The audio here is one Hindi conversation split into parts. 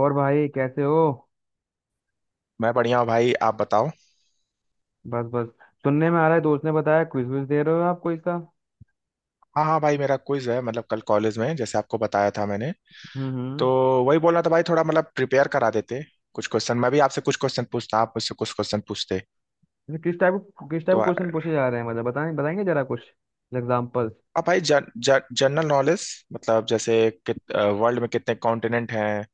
और भाई कैसे हो। मैं बढ़िया हूँ भाई। आप बताओ। बस बस। सुनने में आ रहा है, दोस्त ने बताया क्विज विज दे रहे हो आप कोई सा। हाँ हाँ भाई, मेरा क्विज है मतलब कल कॉलेज में, जैसे आपको बताया था मैंने। हम्म हम्म तो वही बोलना था भाई, थोड़ा मतलब प्रिपेयर करा देते कुछ क्वेश्चन। मैं भी आपसे कुछ क्वेश्चन पूछता, आप मुझसे कुछ क्वेश्चन पूछते। ये किस टाइप, किस टाइप तो क्वेश्चन पूछे जा रहे हैं मतलब बताएं, बताएंगे जरा कुछ एग्जाम्पल्स। आप भाई जन, जन, जनरल नॉलेज मतलब जैसे वर्ल्ड में कितने कॉन्टिनेंट हैं।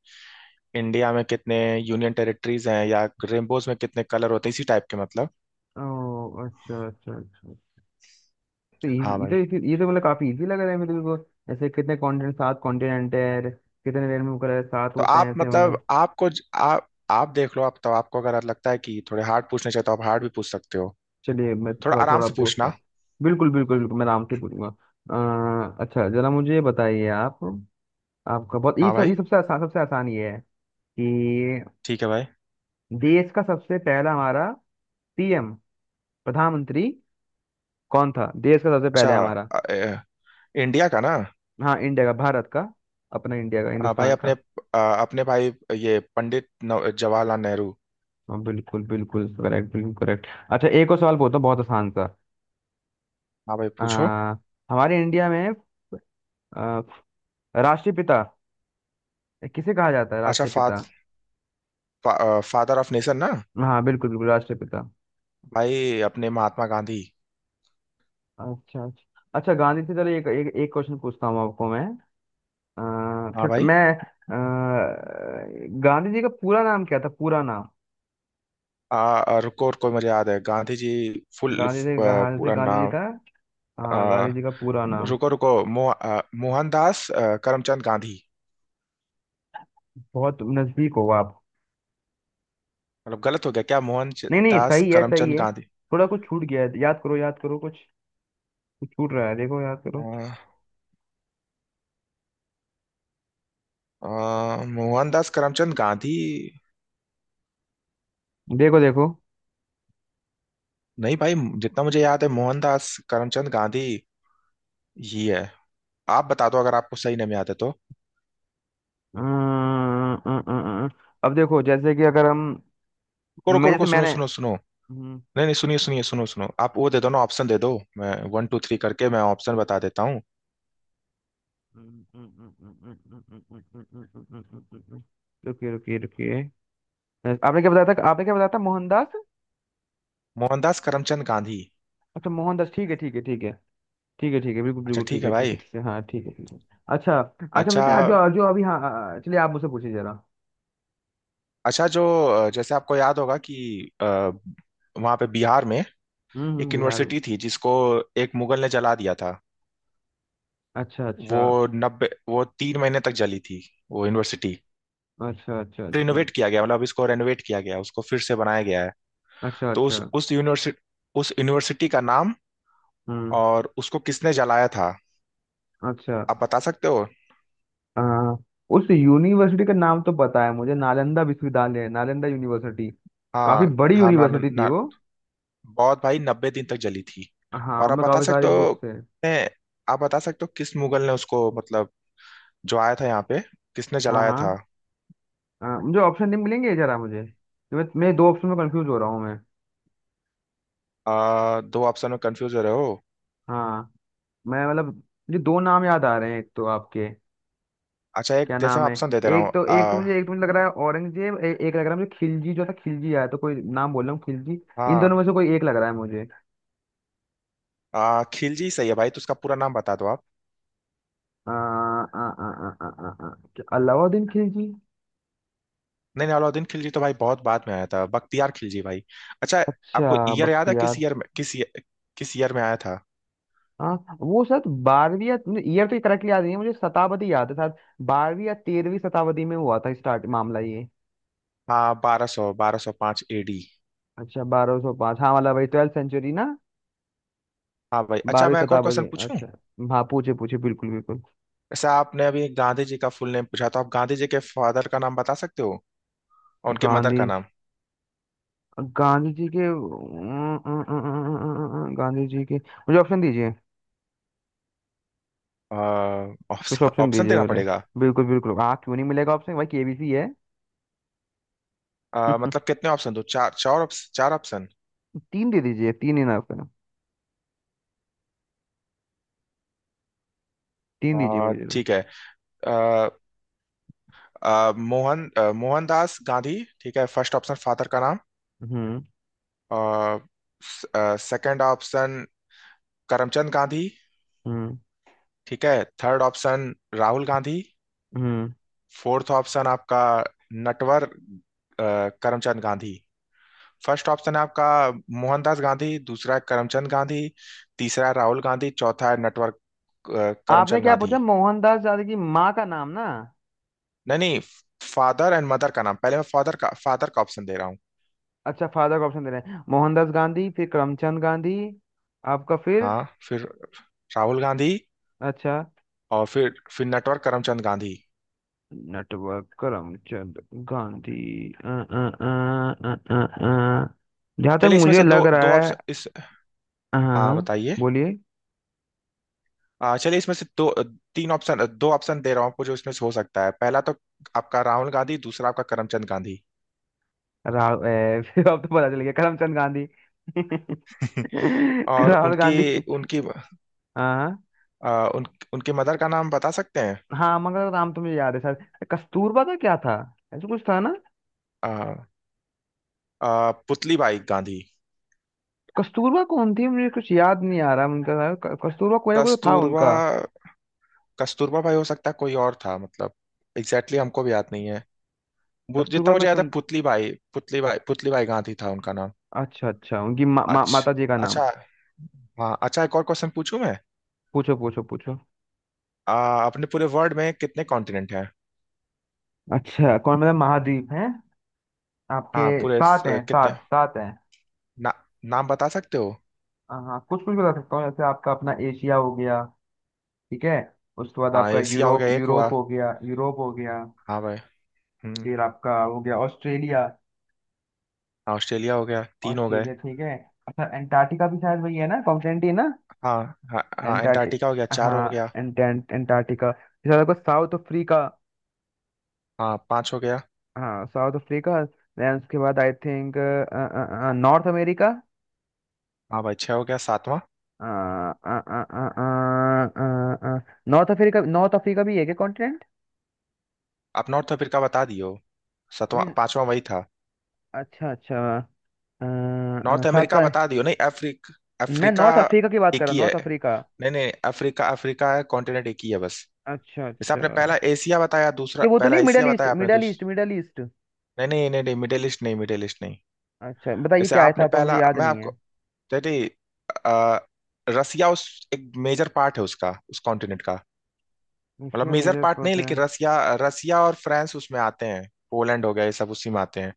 इंडिया में कितने यूनियन टेरिटरीज हैं या रेनबोज में कितने कलर होते हैं, इसी टाइप के मतलब। ओ, अच्छा अच्छा अच्छा। तो हाँ ये, भाई। ये तो मतलब काफी इजी लग रहा है मेरे को। ऐसे कितने कॉन्टिनेंट, सात कॉन्टिनेंट है, कितने रेनबो कलर है, सात तो होते हैं आप ऐसे मतलब मतलब। आपको आप देख लो, आप तो। आपको अगर लगता है कि थोड़े हार्ड पूछने चाहिए तो आप हार्ड भी पूछ सकते हो। चलिए मैं थोड़ा थोड़ा आराम थोड़ा से पूछता पूछना। हूँ। बिल्कुल बिल्कुल बिल्कुल, मैं आराम से पूछूंगा। अच्छा जरा मुझे ये बताइए आप। आपका बहुत ये हाँ सब, भाई। ये सबसे आसान ये है कि ठीक है भाई। देश का सबसे पहला हमारा पीएम, प्रधानमंत्री कौन था, देश का सबसे अच्छा। पहले हमारा। अ, अ, इंडिया का ना। हाँ, इंडिया का, भारत का, अपना इंडिया का, भाई हिंदुस्तान अपने का। अपने भाई, ये पंडित जवाहरलाल नेहरू। हाँ, बिल्कुल बिल्कुल करेक्ट, बिल्कुल करेक्ट। अच्छा एक और सवाल बोलता हूँ, बहुत आसान सा। हाँ भाई आ, पूछो। हमारे इंडिया में आ, राष्ट्रपिता किसे कहा जाता है, अच्छा फा, राष्ट्रपिता। फा, फादर ऑफ नेशन ना। हाँ, बिल्कुल बिल्कुल, राष्ट्रपिता। भाई अपने महात्मा गांधी। अच्छा अच्छा। अच्छा, गांधी से चलो एक एक, एक क्वेश्चन पूछता हूँ आपको मैं। अ, हाँ छोट- भाई। मैं अ, गांधी जी का पूरा नाम क्या था, पूरा नाम। आ, आ, रुको रुको, मुझे याद है गांधी जी फुल गांधी जी, हाँ, जैसे पूरा गांधी जी नाम। था। हाँ, आ, गांधी जी का पूरा नाम। रुको रुको। मोहनदास करमचंद गांधी। बहुत नजदीक हो आप। मतलब गलत हो गया क्या? नहीं नहीं, मोहनदास सही है, सही करमचंद है। गांधी। थोड़ा कुछ छूट गया है, याद करो, याद करो कुछ। कुछ छूट रहा है देखो, याद करो। आ, आ, मोहनदास करमचंद गांधी। देखो देखो। नहीं भाई, जितना मुझे याद है मोहनदास करमचंद गांधी ही है। आप बता दो अगर आपको सही नहीं याद है तो। अं, अं, अं, अं। अं। अब देखो, जैसे कि अगर हम रुको मैं रुको जैसे रुको, सुनो मैंने सुनो सुनो। हम्म, नहीं नहीं, सुनिए सुनिए, सुनो सुनो। आप वो दे दो ना, ऑप्शन दे दो। मैं वन टू थ्री करके मैं ऑप्शन बता देता हूँ। हम्म, हम्म, हम्म, हम्म, हम्म, हम्म, हम्म, हम्म, हम्म, हम्म, हम्म, हम्म, हम्म, हम्म, हम्म। रुकिए रुकिए रुकिए। आपने क्या बताया था, मोहनदास। मोहनदास करमचंद गांधी। अच्छा, मोहनदास, ठीक है ठीक है ठीक है, ठीक है ठीक है बिल्कुल अच्छा बिल्कुल, ठीक ठीक है है ठीक भाई। है ठीक है, हाँ ठीक है ठीक है। अच्छा अच्छा, हम अच्छा, लेते हैं जो जो अभी, हाँ चलिए आप मुझसे पूछिए जरा। अच्छा जो जैसे आपको याद होगा कि अ, वहाँ पे बिहार में एक बिहार। यूनिवर्सिटी थी जिसको एक मुगल ने जला दिया था। अच्छा अच्छा वो नब्बे, वो 3 महीने तक जली थी वो यूनिवर्सिटी। अच्छा। अच्छा अच्छा रिनोवेट किया गया, मतलब इसको रेनोवेट किया गया, उसको फिर से बनाया गया है। अच्छा। तो अच्छा। उस यूनिवर्सिटी, उस यूनिवर्सिटी का नाम हम्म। और उसको किसने जलाया था अच्छा। आप बता सकते हो। आ, उस यूनिवर्सिटी का नाम तो पता है मुझे, नालंदा विश्वविद्यालय, नालंदा यूनिवर्सिटी। काफी हाँ बड़ी हाँ, ना ना यूनिवर्सिटी थी ना- वो। बहुत भाई, 90 दिन तक जली थी। हाँ, और आप उनमें बता काफी सकते सारी हो, बुक्स है। ने, आप बता सकते हो किस मुगल ने उसको, मतलब जो आया था यहाँ पे किसने हाँ जलाया हाँ, था। हाँ मुझे ऑप्शन नहीं मिलेंगे जरा मुझे तो, मैं दो ऑप्शन में कंफ्यूज हो रहा हूँ मैं। दो ऑप्शन में कंफ्यूज हो रहे हो? हाँ। मैं मतलब मुझे दो नाम याद आ रहे हैं, एक तो आपके अच्छा एक क्या जैसे नाम मैं है। ऑप्शन दे दे रहा हूँ। एक तो एक तो मुझे एक तो मुझे लग रहा है औरंगजेब, एक लग रहा है मुझे खिलजी, जो था खिलजी आया, तो कोई नाम बोल रहा हूँ, खिलजी। इन दोनों हाँ। में से कोई एक लग रहा है मुझे। खिलजी सही है भाई, तो उसका पूरा नाम बता दो आप। आ, आ, आ, आ, आ, आ, आ, क्या अलाउद्दीन खिलजी। नहीं नहीं, अलाउद्दीन खिलजी तो भाई बहुत बाद में आया था। बख्तियार खिलजी भाई। अच्छा, अच्छा आपको ईयर याद है? बख्तियार। किस ईयर में आया था? हाँ, वो शायद बारहवीं या ईयर तो करेक्टली याद नहीं है मुझे, शताब्दी याद है शायद। बारहवीं या तेरहवीं शताब्दी में हुआ था स्टार्ट मामला ये। हाँ 1205 एडी। अच्छा 1205, हाँ वाला भाई, ट्वेल्थ सेंचुरी ना। हाँ भाई। अच्छा, बारहवीं मैं एक और क्वेश्चन शताब्दी, पूछूं? अच्छा। हाँ पूछे पूछे बिल्कुल बिल्कुल। जैसे आपने अभी गांधी जी का फुल नेम पूछा, तो आप गांधी जी के फादर का नाम बता सकते हो और उनके मदर का गांधी, नाम? गांधी जी के, गांधी जी के मुझे ऑप्शन दीजिए। कुछ ऑप्शन ऑप्शन ऑप्शन दीजिए देना मुझे। पड़ेगा। बिल्कुल बिल्कुल, हाँ क्यों नहीं मिलेगा ऑप्शन, भाई केबीसी है। मतलब कितने ऑप्शन? दो, चार, चार ऑप्शन, चार ऑप्शन। तीन दे दीजिए, तीन ही ना आपका। तीन दीजिए मुझे। ठीक है। अ, मोहनदास गांधी। ठीक है, फर्स्ट ऑप्शन फादर का नाम। हम्म। Second option Karamchand Gandhi. हम्म। ठीक है, थर्ड ऑप्शन राहुल गांधी। हम्म। फोर्थ ऑप्शन आपका नटवर करमचंद गांधी। फर्स्ट ऑप्शन है आपका मोहनदास गांधी, दूसरा है करमचंद गांधी, तीसरा है राहुल गांधी, चौथा है नटवर आपने करमचंद क्या गांधी। पूछा, मोहनदास गांधी की माँ का नाम ना। नहीं नहीं, फादर एंड मदर का नाम। पहले मैं फादर का ऑप्शन दे रहा हूँ। अच्छा, फादर का ऑप्शन दे रहे हैं, मोहनदास गांधी, फिर करमचंद गांधी। आपका फिर। हाँ, फिर राहुल गांधी, अच्छा, और फिर नटवर करमचंद गांधी। नेटवर्क करमचंद गांधी। अ, अ, अ, जहाँ तक चलिए इसमें मुझे से लग दो, दो रहा है। ऑप्शन इस। हाँ हाँ, हाँ हाँ, बताइए। बोलिए। चलिए इसमें से दो, तीन ऑप्शन, दो ऑप्शन दे रहा हूँ आपको जो इसमें से हो सकता है। पहला तो आपका राहुल गांधी, दूसरा आपका करमचंद गांधी। राहुल, फिर अब तो पता चल गया, करमचंद गांधी। और राहुल उनकी, गांधी। उनकी हाँ आ, उन, उनके मदर का नाम बता सकते हैं? हाँ, हाँ मंगल राम तो मुझे याद है सर, कस्तूरबा का क्या था, ऐसा कुछ था ना। आ, आ, पुतली बाई गांधी। कस्तूरबा कौन थी, मुझे कुछ याद नहीं आ रहा उनका नाम। कस्तूरबा कोई कोई था कस्तूरबा, उनका। कस्तूरबा भाई हो सकता है, कोई और था मतलब। एग्जैक्टली exactly हमको भी याद नहीं है। वो जितना कस्तूरबा मैं मुझे याद है, सुन, पुतली बाई, पुतली बाई, पुतली बाई गांधी था उनका नाम। अच्छा अच्छा उनकी मा, मा, अच्छा माता जी का नाम। अच्छा। हाँ, अच्छा एक और क्वेश्चन पूछूं मैं? पूछो पूछो पूछो। अपने पूरे वर्ल्ड में कितने कॉन्टिनेंट हैं? अच्छा कौन मतलब, महाद्वीप है आपके, हाँ पूरे सात हैं, कितने, सात सात हैं। ना, नाम बता सकते हो? हाँ हाँ, कुछ कुछ बता सकता हूँ, जैसे आपका अपना एशिया हो गया, ठीक है, उसके बाद हाँ आपका एशिया हो यूरोप, गया, एक हुआ। यूरोप हो गया, यूरोप हो गया, हाँ भाई। हम्म। फिर आपका हो गया ऑस्ट्रेलिया। हाँ, ऑस्ट्रेलिया हो गया, तीन हो गए। ऑस्ट्रेलिया ठीक है। अच्छा एंटार्क्टिका भी शायद वही है ना, कॉन्टिनेंट ही है ना। हाँ हाँ, हाँ एंटार्क्टिक, एंटार्क्टिका हो गया, चार हाँ हो गया। एंटेंट एंटार्क्टिका, फिर आपको साउथ अफ्रीका। हाँ, पाँच हो गया। हाँ साउथ अफ्रीका। देन उसके बाद आई थिंक, नॉर्थ अमेरिका। हाँ भाई, छः हो गया, सातवां? नॉर्थ अफ्रीका, नॉर्थ अफ्रीका भी है क्या कॉन्टिनेंट। आप नॉर्थ अफ्रीका बता दियो। सातवां, मीन, पांचवां वही था। अच्छा अच्छा। नॉर्थ अमेरिका सातवां। बता दियो, नहीं मैं अफ्रीका। नॉर्थ अफ्रीका की बात कर एक रहा हूँ, ही है। North Africa. नहीं नहीं, अफ्रीका, अफ्रीका है कॉन्टिनेंट, एक ही है बस। अच्छा जैसे अच्छा। आपने पहला एशिया बताया, दूसरा, ये वो तो पहला नहीं, मिडल एशिया ईस्ट, बताया आपने, मिडल ईस्ट, दूसरा। Middle east. नहीं नहीं नहीं नहीं, मिडिल ईस्ट नहीं, मिडिल ईस्ट नहीं। अच्छा बताइए, जैसे क्या आपने ऐसा था मुझे पहला, याद मैं नहीं है। आपको डैडी आ, रसिया उस, एक मेजर पार्ट है उसका, उस कॉन्टिनेंट का। मतलब एशिया मेजर मेजर पार्ट नहीं, पोर्ट है। लेकिन रसिया। रसिया और फ्रांस उसमें आते हैं, पोलैंड हो गया, ये सब उसी में आते हैं।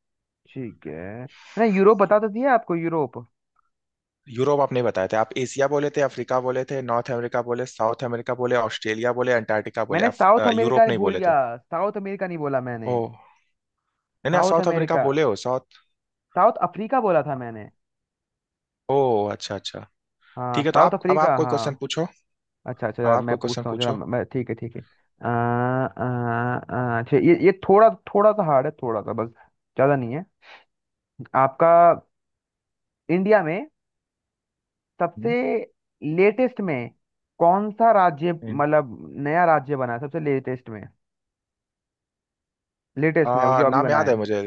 ठीक है, मैंने यूरोप बता तो दिया आपको, यूरोप। यूरोप आप नहीं बताए थे। आप एशिया बोले थे, अफ्रीका बोले थे, नॉर्थ अमेरिका बोले, साउथ अमेरिका बोले, ऑस्ट्रेलिया बोले, अंटार्कटिका बोले, मैंने साउथ अमेरिका यूरोप ने नहीं भूल बोले गया, थे। साउथ अमेरिका नहीं बोला ओ। मैंने, नहीं नहीं, साउथ साउथ अफ्रीका अमेरिका, बोले हो, साउथ। साउथ अफ्रीका बोला था मैंने। ओ अच्छा अच्छा। हाँ ठीक है, तो साउथ आप अब आप अफ्रीका, कोई क्वेश्चन हाँ। पूछो। अच्छा अच्छा, अब जरा आप मैं कोई क्वेश्चन पूछता हूँ जरा पूछो। मैं, ठीक है ठीक है। आ, आ, आ, अच्छा ये थोड़ा, थोड़ा सा हार्ड है, थोड़ा सा बस, ज़्यादा नहीं है। आपका इंडिया में सबसे हम्म, लेटेस्ट में कौन सा राज्य हम्म। मतलब नया राज्य बना है सबसे लेटेस्ट में, लेटेस्ट में अभी जो अभी नाम बना याद है है। मुझे।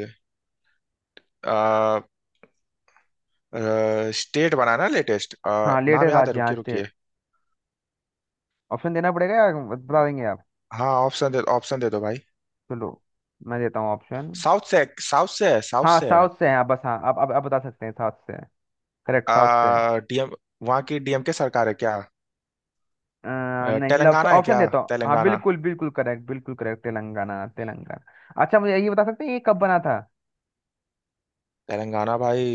आ, स्टेट बनाना लेटेस्ट, हाँ नाम लेटेस्ट याद है, राज्य, हाँ रुकिए स्टेट। रुकिए। ऑप्शन देना पड़ेगा या बता देंगे आप। हाँ, ऑप्शन दे दो भाई। चलो मैं देता हूँ ऑप्शन। साउथ से, साउथ से है, साउथ हाँ से है। साउथ से है आप बस, हाँ आप अब आप बता सकते हैं साउथ से। करेक्ट साउथ से है। डीएम, वहाँ की डीएम के सरकार है क्या? अ, नहीं, चलो ऑप्शन तेलंगाना है ऑप्शन क्या? देता हूँ। हाँ तेलंगाना, बिल्कुल बिल्कुल करेक्ट, बिल्कुल करेक्ट, तेलंगाना तेलंगाना। अच्छा मुझे ये बता सकते हैं, ये कब बना था। तेलंगाना भाई।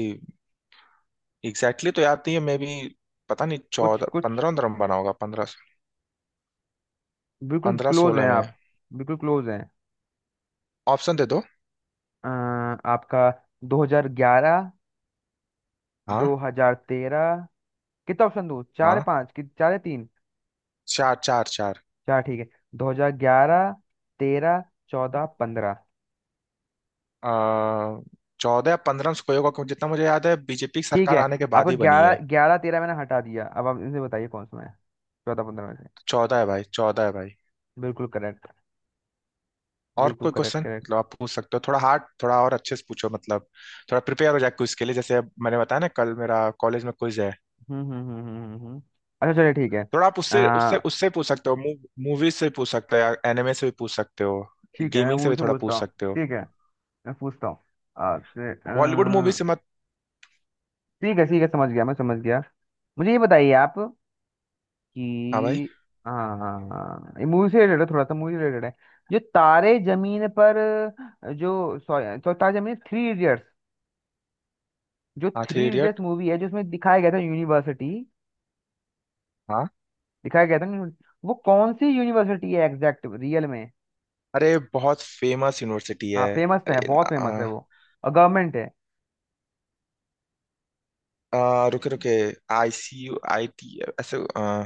एग्जैक्टली exactly तो याद नहीं है मे भी। पता नहीं, कुछ चौदह कुछ पंद्रह, पंद्रह में बना होगा, पंद्रह। बिल्कुल पंद्रह क्लोज सोलह हैं में। आप, बिल्कुल क्लोज हैं। ऑप्शन दे दो। अ, आपका 2011, हाँ 2013। कितना ऑप्शन दूँ चार या हाँ, पाँच, कि चार या तीन। चार, चार, चार। चार ठीक है। 2011, 13, 14, 15। अ, चौदह या पंद्रह में से कोई होगा, क्योंकि जितना मुझे याद है बीजेपी की ठीक सरकार है आने के आपका बाद ही बनी 11, है। 11, 13 मैंने हटा दिया, अब आप इनसे बताइए कौन सा है, चौदह पंद्रह में से। चौदह है भाई, चौदह है भाई। बिल्कुल करेक्ट, और बिल्कुल कोई करेक्ट, क्वेश्चन करेक्ट। मतलब आप पूछ सकते हो, थोड़ा हार्ड, थोड़ा और अच्छे से पूछो मतलब। थोड़ा प्रिपेयर हो जाए क्विज के लिए, जैसे अब मैंने बताया ना कल मेरा कॉलेज में क्विज है। हम्म हम्म हम्म हम्म हम्म, हम्म। अच्छा चलिए ठीक है। थोड़ा आप अ, उससे उससे उससे पूछ सकते हो। मूवीज से भी पूछ सकते हो या एनिमे से भी पूछ सकते हो। ठीक है मैं गेमिंग से भी मुझसे थोड़ा पूछता पूछ हूँ, सकते हो। ठीक है मैं पूछता हूँ आपसे। बॉलीवुड मूवी से मत। ठीक है ठीक है, समझ गया, मैं समझ गया। मुझे ये बताइए आप हाँ भाई। कि, हाँ हाँ, हाँ, ये मूवी से रिलेटेड है, थोड़ा सा मूवी रिलेटेड है। जो तारे जमीन पर, जो सॉरी, तो तारे जमीन, थ्री इडियट्स, जो हाँ, three three idiots idiot, movie है जिसमें दिखाया गया था यूनिवर्सिटी, हाँ। दिखाया गया था ना, वो कौन सी यूनिवर्सिटी है एग्जैक्ट रियल में। अरे बहुत फेमस यूनिवर्सिटी हाँ है। फेमस तो है, अरे बहुत फेमस है आ, वो, और गवर्नमेंट है। आ, रुके रुके, ICUIT ऐसे,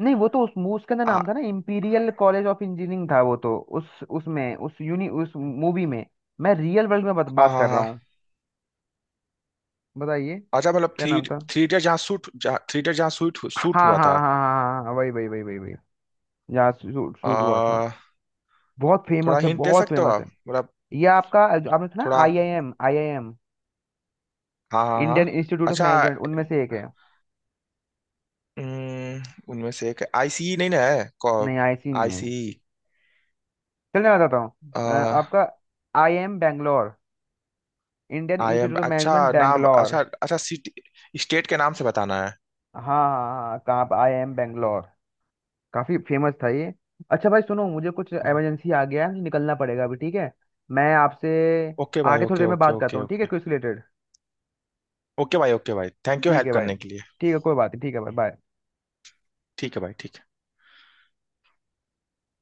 नहीं, वो तो उस मूवी के अंदर आ, नाम था ना, इम्पीरियल कॉलेज ऑफ इंजीनियरिंग था वो तो, उस उसमें उस यूनि उस मूवी में। मैं रियल वर्ल्ड में बात हाँ बात हाँ कर रहा हाँ। हूँ, बताइए, अच्छा मतलब क्या थ्री, नाम था। थ्री इडियट जहाँ शूट शूट हाँ हुआ हाँ था। हाँ हाँ हाँ, हाँ वही वही वही वही वही, यहाँ शूट शूट हुआ था। आ, बहुत फेमस थोड़ा है, हिंट दे बहुत सकते हो फेमस है। आप मतलब? ये आपका जो आपने सुना, थोड़ा, IIM, IIM, हाँ हाँ हाँ। इंडियन इंस्टीट्यूट ऑफ अच्छा, मैनेजमेंट, उनमें से एक है। उम, उनमें से एक IC नहीं ना है? नहीं आईसी नहीं है। आईसी। चलिए मैं बताता हूँ। आपका IIM Bangalore, Indian IM, institute of अच्छा। मैनेजमेंट नाम, बैंगलोर। अच्छा अच्छा, सिटी स्टेट के नाम से बताना है? हाँ हाँ हाँ, कहाँ पर, IIM बैंगलोर, काफी फेमस था ये। अच्छा भाई सुनो, मुझे कुछ इमरजेंसी आ गया है, मुझे निकलना पड़ेगा अभी, ठीक है, मैं आपसे ओके भाई, आगे थोड़ी ओके देर में ओके बात करता ओके हूँ, ठीक है, ओके। Quiz related. ओके भाई, ओके भाई, थैंक यू ठीक हेल्प है भाई, करने के लिए। ठीक है कोई बात नहीं, ठीक है भाई बाय। ठीक है भाई, ठीक है।